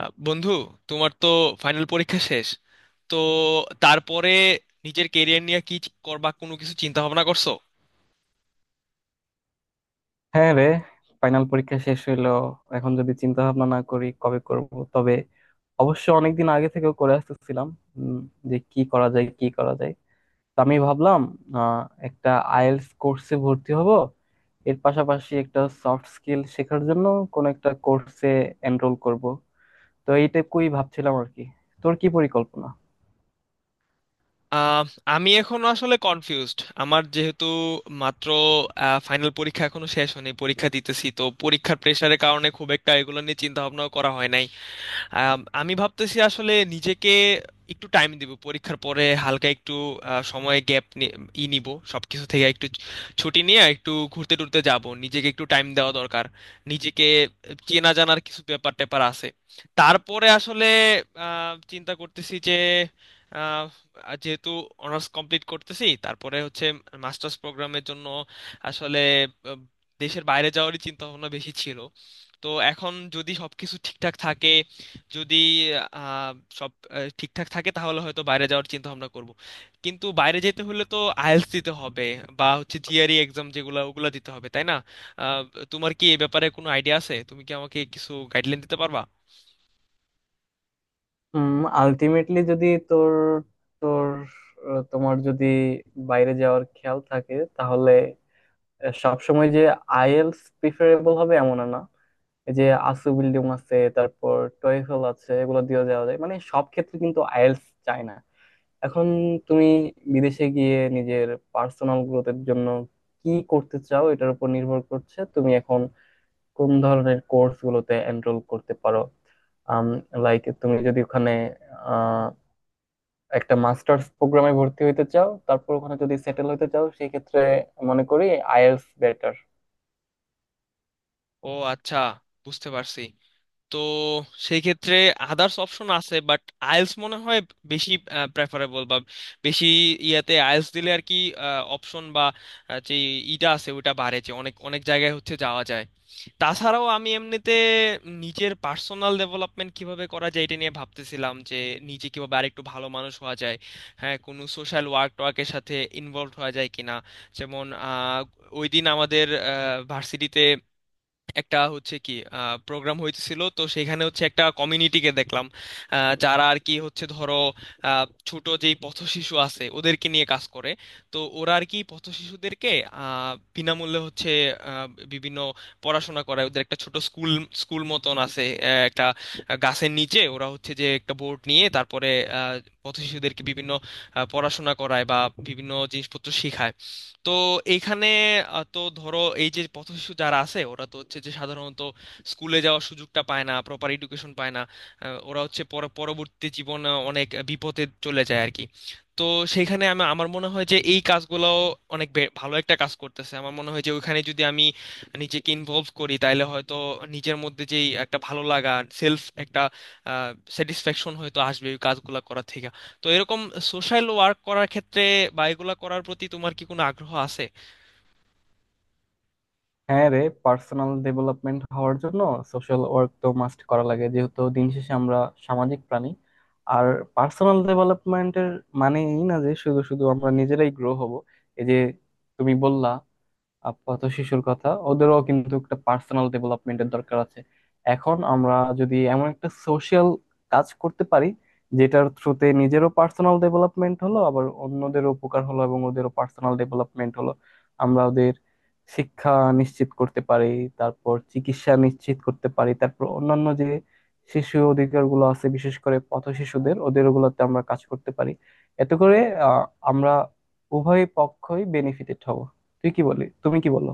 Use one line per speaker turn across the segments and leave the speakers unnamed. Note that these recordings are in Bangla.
বন্ধু, তোমার তো ফাইনাল পরীক্ষা শেষ। তো তারপরে নিজের কেরিয়ার নিয়ে কি করবা? কোনো কিছু চিন্তা ভাবনা করছো?
হ্যাঁ রে, ফাইনাল পরীক্ষা শেষ হইলো। এখন যদি চিন্তা ভাবনা না করি কবে করব? তবে অবশ্য অনেকদিন আগে থেকেও করে আসতেছিলাম উম, যে কি করা যায়, কি করা যায়। তো আমি ভাবলাম, আহ, একটা আইএলটিএস কোর্সে ভর্তি হব। এর পাশাপাশি একটা সফট স্কিল শেখার জন্য কোন একটা কোর্সে এনরোল করব। তো এইটুকুই ভাবছিলাম আর কি। তোর কি পরিকল্পনা?
আহ, আমি এখনো আসলে কনফিউজড। আমার যেহেতু মাত্র ফাইনাল পরীক্ষা এখনো শেষ হয়নি, পরীক্ষা দিতেছি, তো পরীক্ষার প্রেশারের কারণে খুব একটা এগুলো নিয়ে চিন্তা ভাবনা করা হয় নাই। আমি ভাবতেছি আসলে নিজেকে একটু টাইম দিব পরীক্ষার পরে। হালকা একটু সময় গ্যাপ ই নিব, সবকিছু থেকে একটু ছুটি নিয়ে একটু ঘুরতে টুরতে যাব। নিজেকে একটু টাইম দেওয়া দরকার, নিজেকে চেনা জানার কিছু ব্যাপার ট্যাপার আছে। তারপরে আসলে চিন্তা করতেছি যে আহ, যেহেতু অনার্স কমপ্লিট করতেছি, তারপরে হচ্ছে মাস্টার্স প্রোগ্রামের জন্য আসলে আহ, দেশের বাইরে যাওয়ারই চিন্তা ভাবনা বেশি ছিল। তো এখন যদি সবকিছু ঠিকঠাক থাকে, যদি আহ, সব ঠিকঠাক থাকে তাহলে হয়তো বাইরে যাওয়ার চিন্তা ভাবনা করব। কিন্তু বাইরে যেতে হলে তো আইএলটিএস দিতে হবে, বা হচ্ছে জিআরই এক্সাম, যেগুলো ওগুলো দিতে হবে, তাই না? আহ, তোমার কি এই ব্যাপারে কোনো আইডিয়া আছে? তুমি কি আমাকে কিছু গাইডলাইন দিতে পারবা?
হুম, আলটিমেটলি যদি তোর তোর আহ, তোমার যদি বাইরে যাওয়ার খেয়াল থাকে, তাহলে সবসময় যে আইএলস প্রিফারেবল হবে এমন না। এই যে আসু বিল্ডিং আছে, তারপর টয়ফেল আছে, এগুলো দিয়ে যাওয়া যায়, মানে সব ক্ষেত্রে কিন্তু আইএলস চায় না। এখন তুমি বিদেশে গিয়ে নিজের পার্সোনাল গ্রোথের জন্য কি করতে চাও, এটার উপর নির্ভর করছে তুমি এখন কোন ধরনের কোর্স গুলোতে এনরোল করতে পারো। লাইক তুমি যদি ওখানে আহ, একটা মাস্টার্স প্রোগ্রামে ভর্তি হইতে চাও, তারপর ওখানে যদি সেটেল হইতে চাও, সেই ক্ষেত্রে মনে করি আইএলস বেটার।
ও আচ্ছা, বুঝতে পারছি। তো সেই ক্ষেত্রে আদার্স অপশন আছে, বাট আইএলস মনে হয় বেশি প্রেফারেবল, বা বেশি ইয়াতে। আইএলস দিলে আর কি অপশন, বা যে ইটা আছে ওটা বাড়ে, যে অনেক অনেক জায়গায় হচ্ছে যাওয়া যায়। তাছাড়াও আমি এমনিতে নিজের পার্সোনাল ডেভেলপমেন্ট কিভাবে করা যায় এটা নিয়ে ভাবতেছিলাম যে নিজে কিভাবে আরেকটু ভালো মানুষ হওয়া যায়, হ্যাঁ কোনো সোশ্যাল ওয়ার্ক টোয়ার্কের সাথে ইনভলভ হওয়া যায় কিনা। যেমন ওই দিন আমাদের ভার্সিটিতে একটা হচ্ছে কি প্রোগ্রাম হইতেছিল, তো সেখানে হচ্ছে একটা কমিউনিটিকে দেখলাম, যারা আর কি হচ্ছে, ধরো ছোট যেই পথশিশু আছে ওদেরকে নিয়ে কাজ করে। তো ওরা আর কি পথশিশুদেরকে বিনামূল্যে হচ্ছে আহ, বিভিন্ন পড়াশোনা করায়। ওদের একটা ছোট স্কুল স্কুল মতন আছে, একটা গাছের নিচে ওরা হচ্ছে যে একটা বোর্ড নিয়ে, তারপরে আহ, পথশিশুদেরকে বিভিন্ন পড়াশোনা করায় বা বিভিন্ন জিনিসপত্র শেখায়। তো এইখানে তো ধরো এই যে পথশিশু যারা আছে ওরা তো হচ্ছে যে সাধারণত স্কুলে যাওয়ার সুযোগটা পায় না, প্রপার এডুকেশন পায় না। ওরা হচ্ছে পরবর্তী জীবন অনেক বিপদে চলে যায় আর কি। তো সেইখানে আমি, আমার মনে হয় যে এই কাজগুলো অনেক ভালো একটা কাজ করতেছে। আমার মনে হয় যে ওইখানে যদি আমি নিজেকে ইনভলভ করি তাহলে হয়তো নিজের মধ্যে যেই একটা ভালো লাগা, সেলফ একটা স্যাটিসফ্যাকশন হয়তো আসবে ওই কাজগুলো করা থেকে। তো এরকম সোশ্যাল ওয়ার্ক করার ক্ষেত্রে বা এগুলা করার প্রতি তোমার কি কোনো আগ্রহ আছে?
হ্যাঁ রে, পার্সোনাল ডেভেলপমেন্ট হওয়ার জন্য সোশ্যাল ওয়ার্ক তো মাস্ট করা লাগে, যেহেতু দিন শেষে আমরা সামাজিক প্রাণী। আর পার্সোনাল ডেভেলপমেন্টের মানে এই না যে শুধু শুধু আমরা নিজেরাই গ্রো হব। এই যে তুমি বললা আপাতত শিশুর কথা, ওদেরও কিন্তু একটা পার্সোনাল ডেভেলপমেন্টের দরকার আছে। এখন আমরা যদি এমন একটা সোশ্যাল কাজ করতে পারি, যেটার থ্রুতে নিজেরও পার্সোনাল ডেভেলপমেন্ট হলো, আবার অন্যদের উপকার হলো এবং ওদেরও পার্সোনাল ডেভেলপমেন্ট হলো। আমরা ওদের শিক্ষা নিশ্চিত করতে পারি, তারপর চিকিৎসা নিশ্চিত করতে পারি, তারপর অন্যান্য যে শিশু অধিকারগুলো আছে বিশেষ করে পথ শিশুদের ওদের ওগুলোতে আমরা কাজ করতে পারি। এতে করে আহ, আমরা উভয় পক্ষই বেনিফিটেড হব। তুই কি বলি, তুমি কি বলো?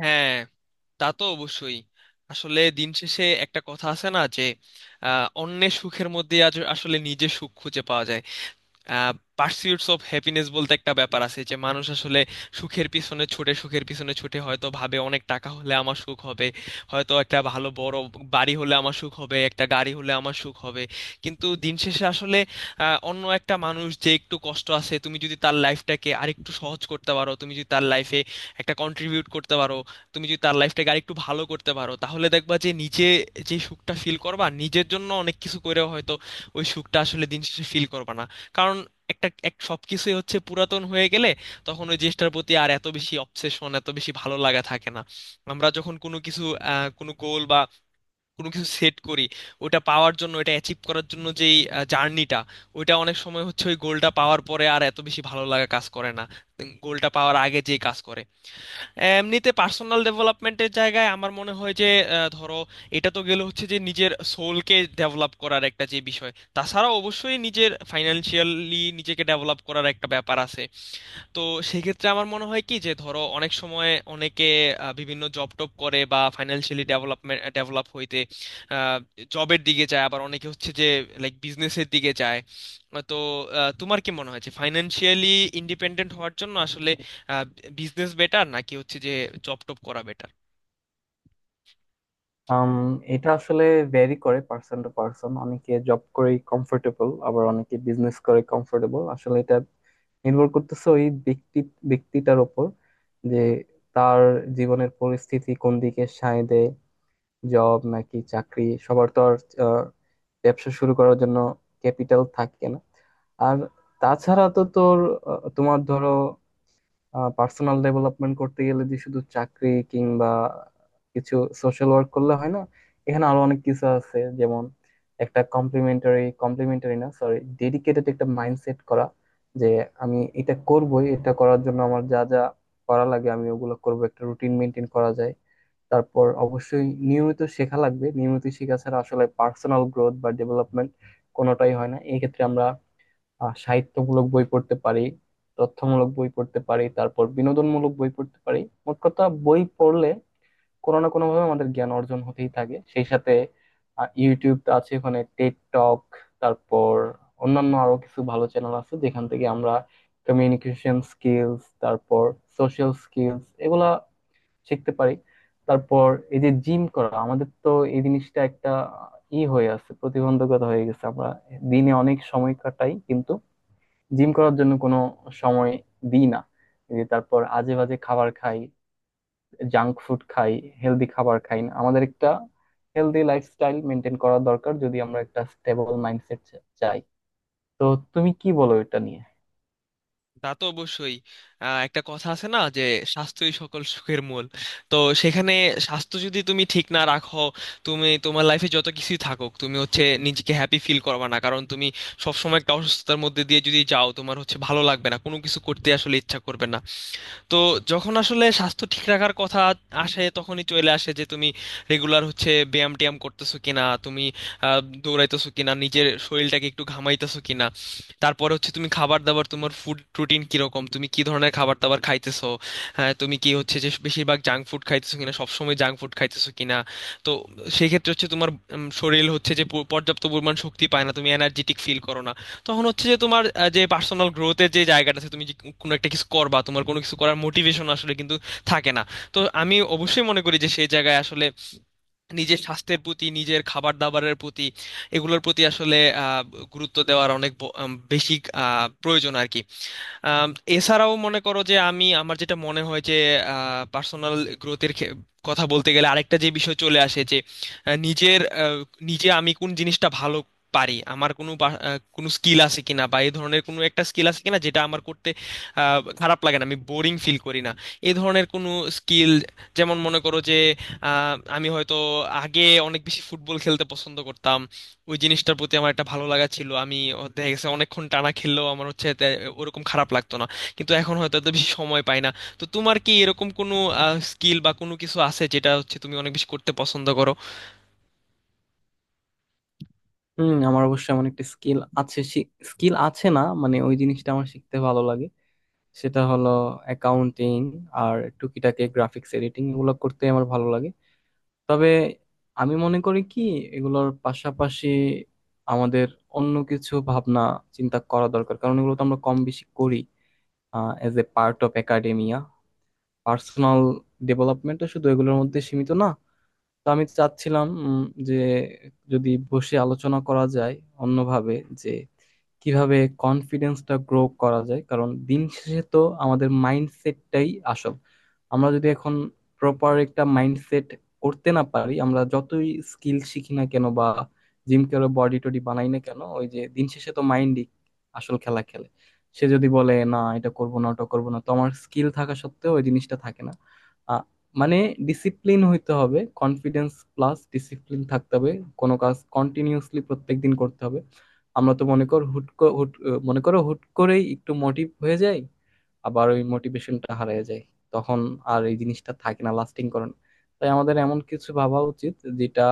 হ্যাঁ, তা তো অবশ্যই। আসলে দিন শেষে একটা কথা আছে না যে অন্যের সুখের মধ্যে আজ আসলে নিজের সুখ খুঁজে পাওয়া যায়। পার্সিউটস অফ হ্যাপিনেস বলতে একটা ব্যাপার আছে যে মানুষ আসলে সুখের পিছনে ছুটে সুখের পিছনে ছুটে হয়তো ভাবে অনেক টাকা হলে আমার সুখ হবে, হয়তো একটা ভালো বড় বাড়ি হলে আমার সুখ হবে, একটা গাড়ি হলে আমার সুখ হবে। কিন্তু দিন শেষে আসলে অন্য একটা মানুষ যে একটু কষ্ট আছে, তুমি যদি তার লাইফটাকে আরেকটু সহজ করতে পারো, তুমি যদি তার লাইফে একটা কন্ট্রিবিউট করতে পারো, তুমি যদি তার লাইফটাকে আরেকটু ভালো করতে পারো, তাহলে দেখবা যে নিজে যে সুখটা ফিল করবা, নিজের জন্য অনেক কিছু করেও হয়তো ওই সুখটা আসলে দিন শেষে ফিল করবা না। কারণ এক সবকিছুই হচ্ছে পুরাতন হয়ে গেলে তখন ওই জিনিসটার প্রতি আর এত বেশি অবসেশন, এত বেশি ভালো লাগা থাকে না। আমরা যখন কোনো কিছু, কোনো গোল বা কোনো কিছু সেট করি, ওটা পাওয়ার জন্য, ওটা অ্যাচিভ করার জন্য যেই জার্নিটা, ওইটা অনেক সময় হচ্ছে ওই গোলটা পাওয়ার পরে আর এত বেশি ভালো লাগা কাজ করে না, গোলটা পাওয়ার আগে যে কাজ করে। এমনিতে পার্সোনাল ডেভেলপমেন্টের জায়গায় আমার মনে হয় যে ধরো এটা তো গেলে হচ্ছে যে নিজের সোলকে ডেভেলপ করার একটা যে বিষয়। তাছাড়া অবশ্যই নিজের ফাইনান্সিয়ালি নিজেকে ডেভেলপ করার একটা ব্যাপার আছে। তো সেক্ষেত্রে আমার মনে হয় কি যে ধরো অনেক সময় অনেকে বিভিন্ন জব টপ করে বা ফাইন্যান্সিয়ালি ডেভেলপ হইতে জবের দিকে যায়, আবার অনেকে হচ্ছে যে লাইক বিজনেসের দিকে যায়। তো তোমার কি মনে হয় যে ফাইন্যান্সিয়ালি ইন্ডিপেন্ডেন্ট হওয়ার জন্য আসলে বিজনেস বেটার, নাকি হচ্ছে যে জব টপ করা বেটার?
আম, এটা আসলে ভ্যারি করে পার্সন টু পার্সন। অনেকে জব করে কমফোর্টেবল, আবার অনেকে বিজনেস করে কমফোর্টেবল। আসলে এটা নির্ভর করতেছে ওই ব্যক্তিটার ওপর, যে তার জীবনের পরিস্থিতি কোন দিকে সায় দেয়, জব নাকি চাকরি। সবার তো আর আহ, ব্যবসা শুরু করার জন্য ক্যাপিটাল থাকে না। আর তাছাড়া তো তোমার ধরো পার্সোনাল ডেভেলপমেন্ট করতে গেলে যে শুধু চাকরি কিংবা কিছু সোশ্যাল ওয়ার্ক করলে হয় না, এখানে আরো অনেক কিছু আছে। যেমন একটা কমপ্লিমেন্টারি কমপ্লিমেন্টারি না সরি ডেডিকেটেড একটা মাইন্ডসেট করা, যে আমি এটা করবই, এটা করার জন্য আমার যা যা করা লাগে আমি ওগুলো করবো, একটা রুটিন মেনটেন করা যায়। তারপর অবশ্যই নিয়মিত শেখা লাগবে, নিয়মিত শেখা ছাড়া আসলে পার্সোনাল গ্রোথ বা ডেভেলপমেন্ট কোনোটাই হয় না। এই ক্ষেত্রে আমরা সাহিত্যমূলক বই পড়তে পারি, তথ্যমূলক বই পড়তে পারি, তারপর বিনোদনমূলক বই পড়তে পারি। মোট কথা বই পড়লে কোনো না কোনো ভাবে আমাদের জ্ঞান অর্জন হতেই থাকে। সেই সাথে ইউটিউব আছে, ওখানে টেড টক, তারপর অন্যান্য আরো কিছু ভালো চ্যানেল আছে, যেখান থেকে আমরা কমিউনিকেশন স্কিলস, তারপর সোশ্যাল স্কিলস এগুলা শিখতে পারি। তারপর এই যে জিম করা, আমাদের তো এই জিনিসটা একটা ই হয়ে আছে, প্রতিবন্ধকতা হয়ে গেছে। আমরা দিনে অনেক সময় কাটাই, কিন্তু জিম করার জন্য কোনো সময় দিই না। এই যে তারপর আজে বাজে খাবার খাই, জাঙ্ক ফুড খাই, হেলদি খাবার খাই না। আমাদের একটা হেলদি লাইফস্টাইল মেনটেন করা দরকার, যদি আমরা একটা স্টেবল মাইন্ডসেট চাই। তো তুমি কি বলো এটা নিয়ে?
তা তো অবশ্যই। একটা কথা আছে না যে স্বাস্থ্যই সকল সুখের মূল। তো সেখানে স্বাস্থ্য যদি তুমি ঠিক না রাখো, তুমি তোমার লাইফে যত কিছুই থাকুক, তুমি হচ্ছে নিজেকে হ্যাপি ফিল করবে না, কারণ তুমি সবসময় একটা অসুস্থতার মধ্যে দিয়ে যদি যাও তোমার হচ্ছে ভালো লাগবে না, কোনো কিছু করতে আসলে ইচ্ছা করবে না। তো যখন আসলে স্বাস্থ্য ঠিক রাখার কথা আসে, তখনই চলে আসে যে তুমি রেগুলার হচ্ছে ব্যায়াম ট্যায়াম করতেছো কিনা, তুমি আহ, দৌড়াইতেছো কিনা, নিজের শরীরটাকে একটু ঘামাইতেছো কিনা। তারপরে হচ্ছে তুমি খাবার দাবার, তোমার ফুড রুটিন কিরকম, তুমি কি ধরনের খাবার দাবার খাইতেছো। হ্যাঁ, তুমি কি হচ্ছে যে বেশিরভাগ জাঙ্ক ফুড খাইতেছো কিনা, সবসময় জাঙ্ক ফুড খাইতেছো কিনা। তো সেই ক্ষেত্রে হচ্ছে তোমার শরীর হচ্ছে যে পর্যাপ্ত পরিমাণ শক্তি পায় না, তুমি এনার্জেটিক ফিল করো না। তখন হচ্ছে যে তোমার যে পার্সোনাল গ্রোথের যে জায়গাটা আছে, তুমি যে কোনো একটা কিছু করবা তোমার কোনো কিছু করার মোটিভেশন আসলে কিন্তু থাকে না। তো আমি অবশ্যই মনে করি যে সেই জায়গায় আসলে নিজের স্বাস্থ্যের প্রতি, নিজের খাবার দাবারের প্রতি, এগুলোর প্রতি আসলে আহ, গুরুত্ব দেওয়ার অনেক বেশি প্রয়োজন আর কি। আম, এছাড়াও মনে করো যে আমার যেটা মনে হয় যে পার্সোনাল গ্রোথের কথা বলতে গেলে আরেকটা যে বিষয় চলে আসে যে নিজের, নিজে আমি কোন জিনিসটা ভালো পারি, আমার কোনো কোনো স্কিল আছে কিনা, বা এই ধরনের কোনো একটা স্কিল আছে কিনা যেটা আমার করতে খারাপ লাগে না, আমি বোরিং ফিল করি না। এই ধরনের কোনো স্কিল, যেমন মনে করো যে আমি হয়তো আগে অনেক বেশি ফুটবল খেলতে পছন্দ করতাম, ওই জিনিসটার প্রতি আমার একটা ভালো লাগা ছিল। আমি দেখা গেছে অনেকক্ষণ টানা খেললেও আমার হচ্ছে ওরকম খারাপ লাগতো না। কিন্তু এখন হয়তো এত বেশি সময় পাই না। তো তোমার কি এরকম কোনো স্কিল বা কোনো কিছু আছে যেটা হচ্ছে তুমি অনেক বেশি করতে পছন্দ করো?
হুম, আমার অবশ্যই এমন একটা স্কিল আছে। স্কিল আছে না মানে ওই জিনিসটা আমার শিখতে ভালো লাগে। সেটা হলো অ্যাকাউন্টিং আর টুকিটাকি গ্রাফিক্স এডিটিং, এগুলো করতে আমার ভালো লাগে। তবে আমি মনে করি কি, এগুলোর পাশাপাশি আমাদের অন্য কিছু ভাবনা চিন্তা করা দরকার, কারণ এগুলো তো আমরা কম বেশি করি as a part of academia. Personal ডেভেলপমেন্টও শুধু এগুলোর মধ্যে সীমিত না। তো আমি চাচ্ছিলাম, যে যদি বসে আলোচনা করা যায় অন্যভাবে, যে কিভাবে কনফিডেন্সটা গ্রো করা যায়। কারণ দিন শেষে তো আমাদের মাইন্ডসেটটাই আসল। আমরা যদি এখন প্রপার একটা মাইন্ডসেট করতে না পারি, আমরা যতই স্কিল শিখি না কেন বা জিম করে বডি টডি বানাই না কেন, ওই যে দিন শেষে তো মাইন্ডই আসল খেলা খেলে। সে যদি বলে না এটা করব না ওটা করব না, তো আমার স্কিল থাকা সত্ত্বেও ওই জিনিসটা থাকে না। মানে ডিসিপ্লিন হইতে হবে, কনফিডেন্স প্লাস ডিসিপ্লিন থাকতে হবে, কোনো কাজ কন্টিনিউসলি প্রত্যেকদিন করতে হবে। আমরা তো মনে কর হুট ক- হুট আহ, মনে করো হুট করেই একটু মোটিভ হয়ে যায়, আবার ওই মোটিভেশনটা হারিয়ে যায়। তখন আর এই জিনিসটা থাকে না, লাস্টিং করে না। তাই আমাদের এমন কিছু ভাবা উচিত, যেটা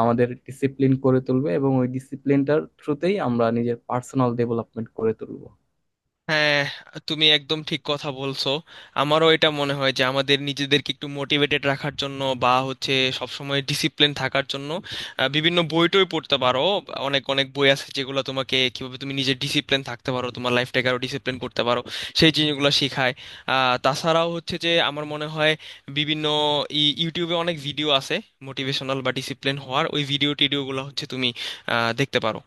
আমাদের ডিসিপ্লিন করে তুলবে এবং ওই ডিসিপ্লিনটার থ্রুতেই আমরা নিজের পার্সোনাল ডেভেলপমেন্ট করে তুলবো।
হ্যাঁ, তুমি একদম ঠিক কথা বলছো। আমারও এটা মনে হয় যে আমাদের নিজেদেরকে একটু মোটিভেটেড রাখার জন্য, বা হচ্ছে সবসময় ডিসিপ্লিন থাকার জন্য, বিভিন্ন বই টই পড়তে পারো। অনেক অনেক বই আছে যেগুলো তোমাকে কিভাবে তুমি নিজে ডিসিপ্লিন থাকতে পারো, তোমার লাইফটাকে আরো ডিসিপ্লিন করতে পারো, সেই জিনিসগুলো শেখায়। তাছাড়াও হচ্ছে যে আমার মনে হয় বিভিন্ন ইউটিউবে অনেক ভিডিও আছে, মোটিভেশনাল বা ডিসিপ্লিন হওয়ার ওই ভিডিও টিডিওগুলো হচ্ছে তুমি দেখতে পারো।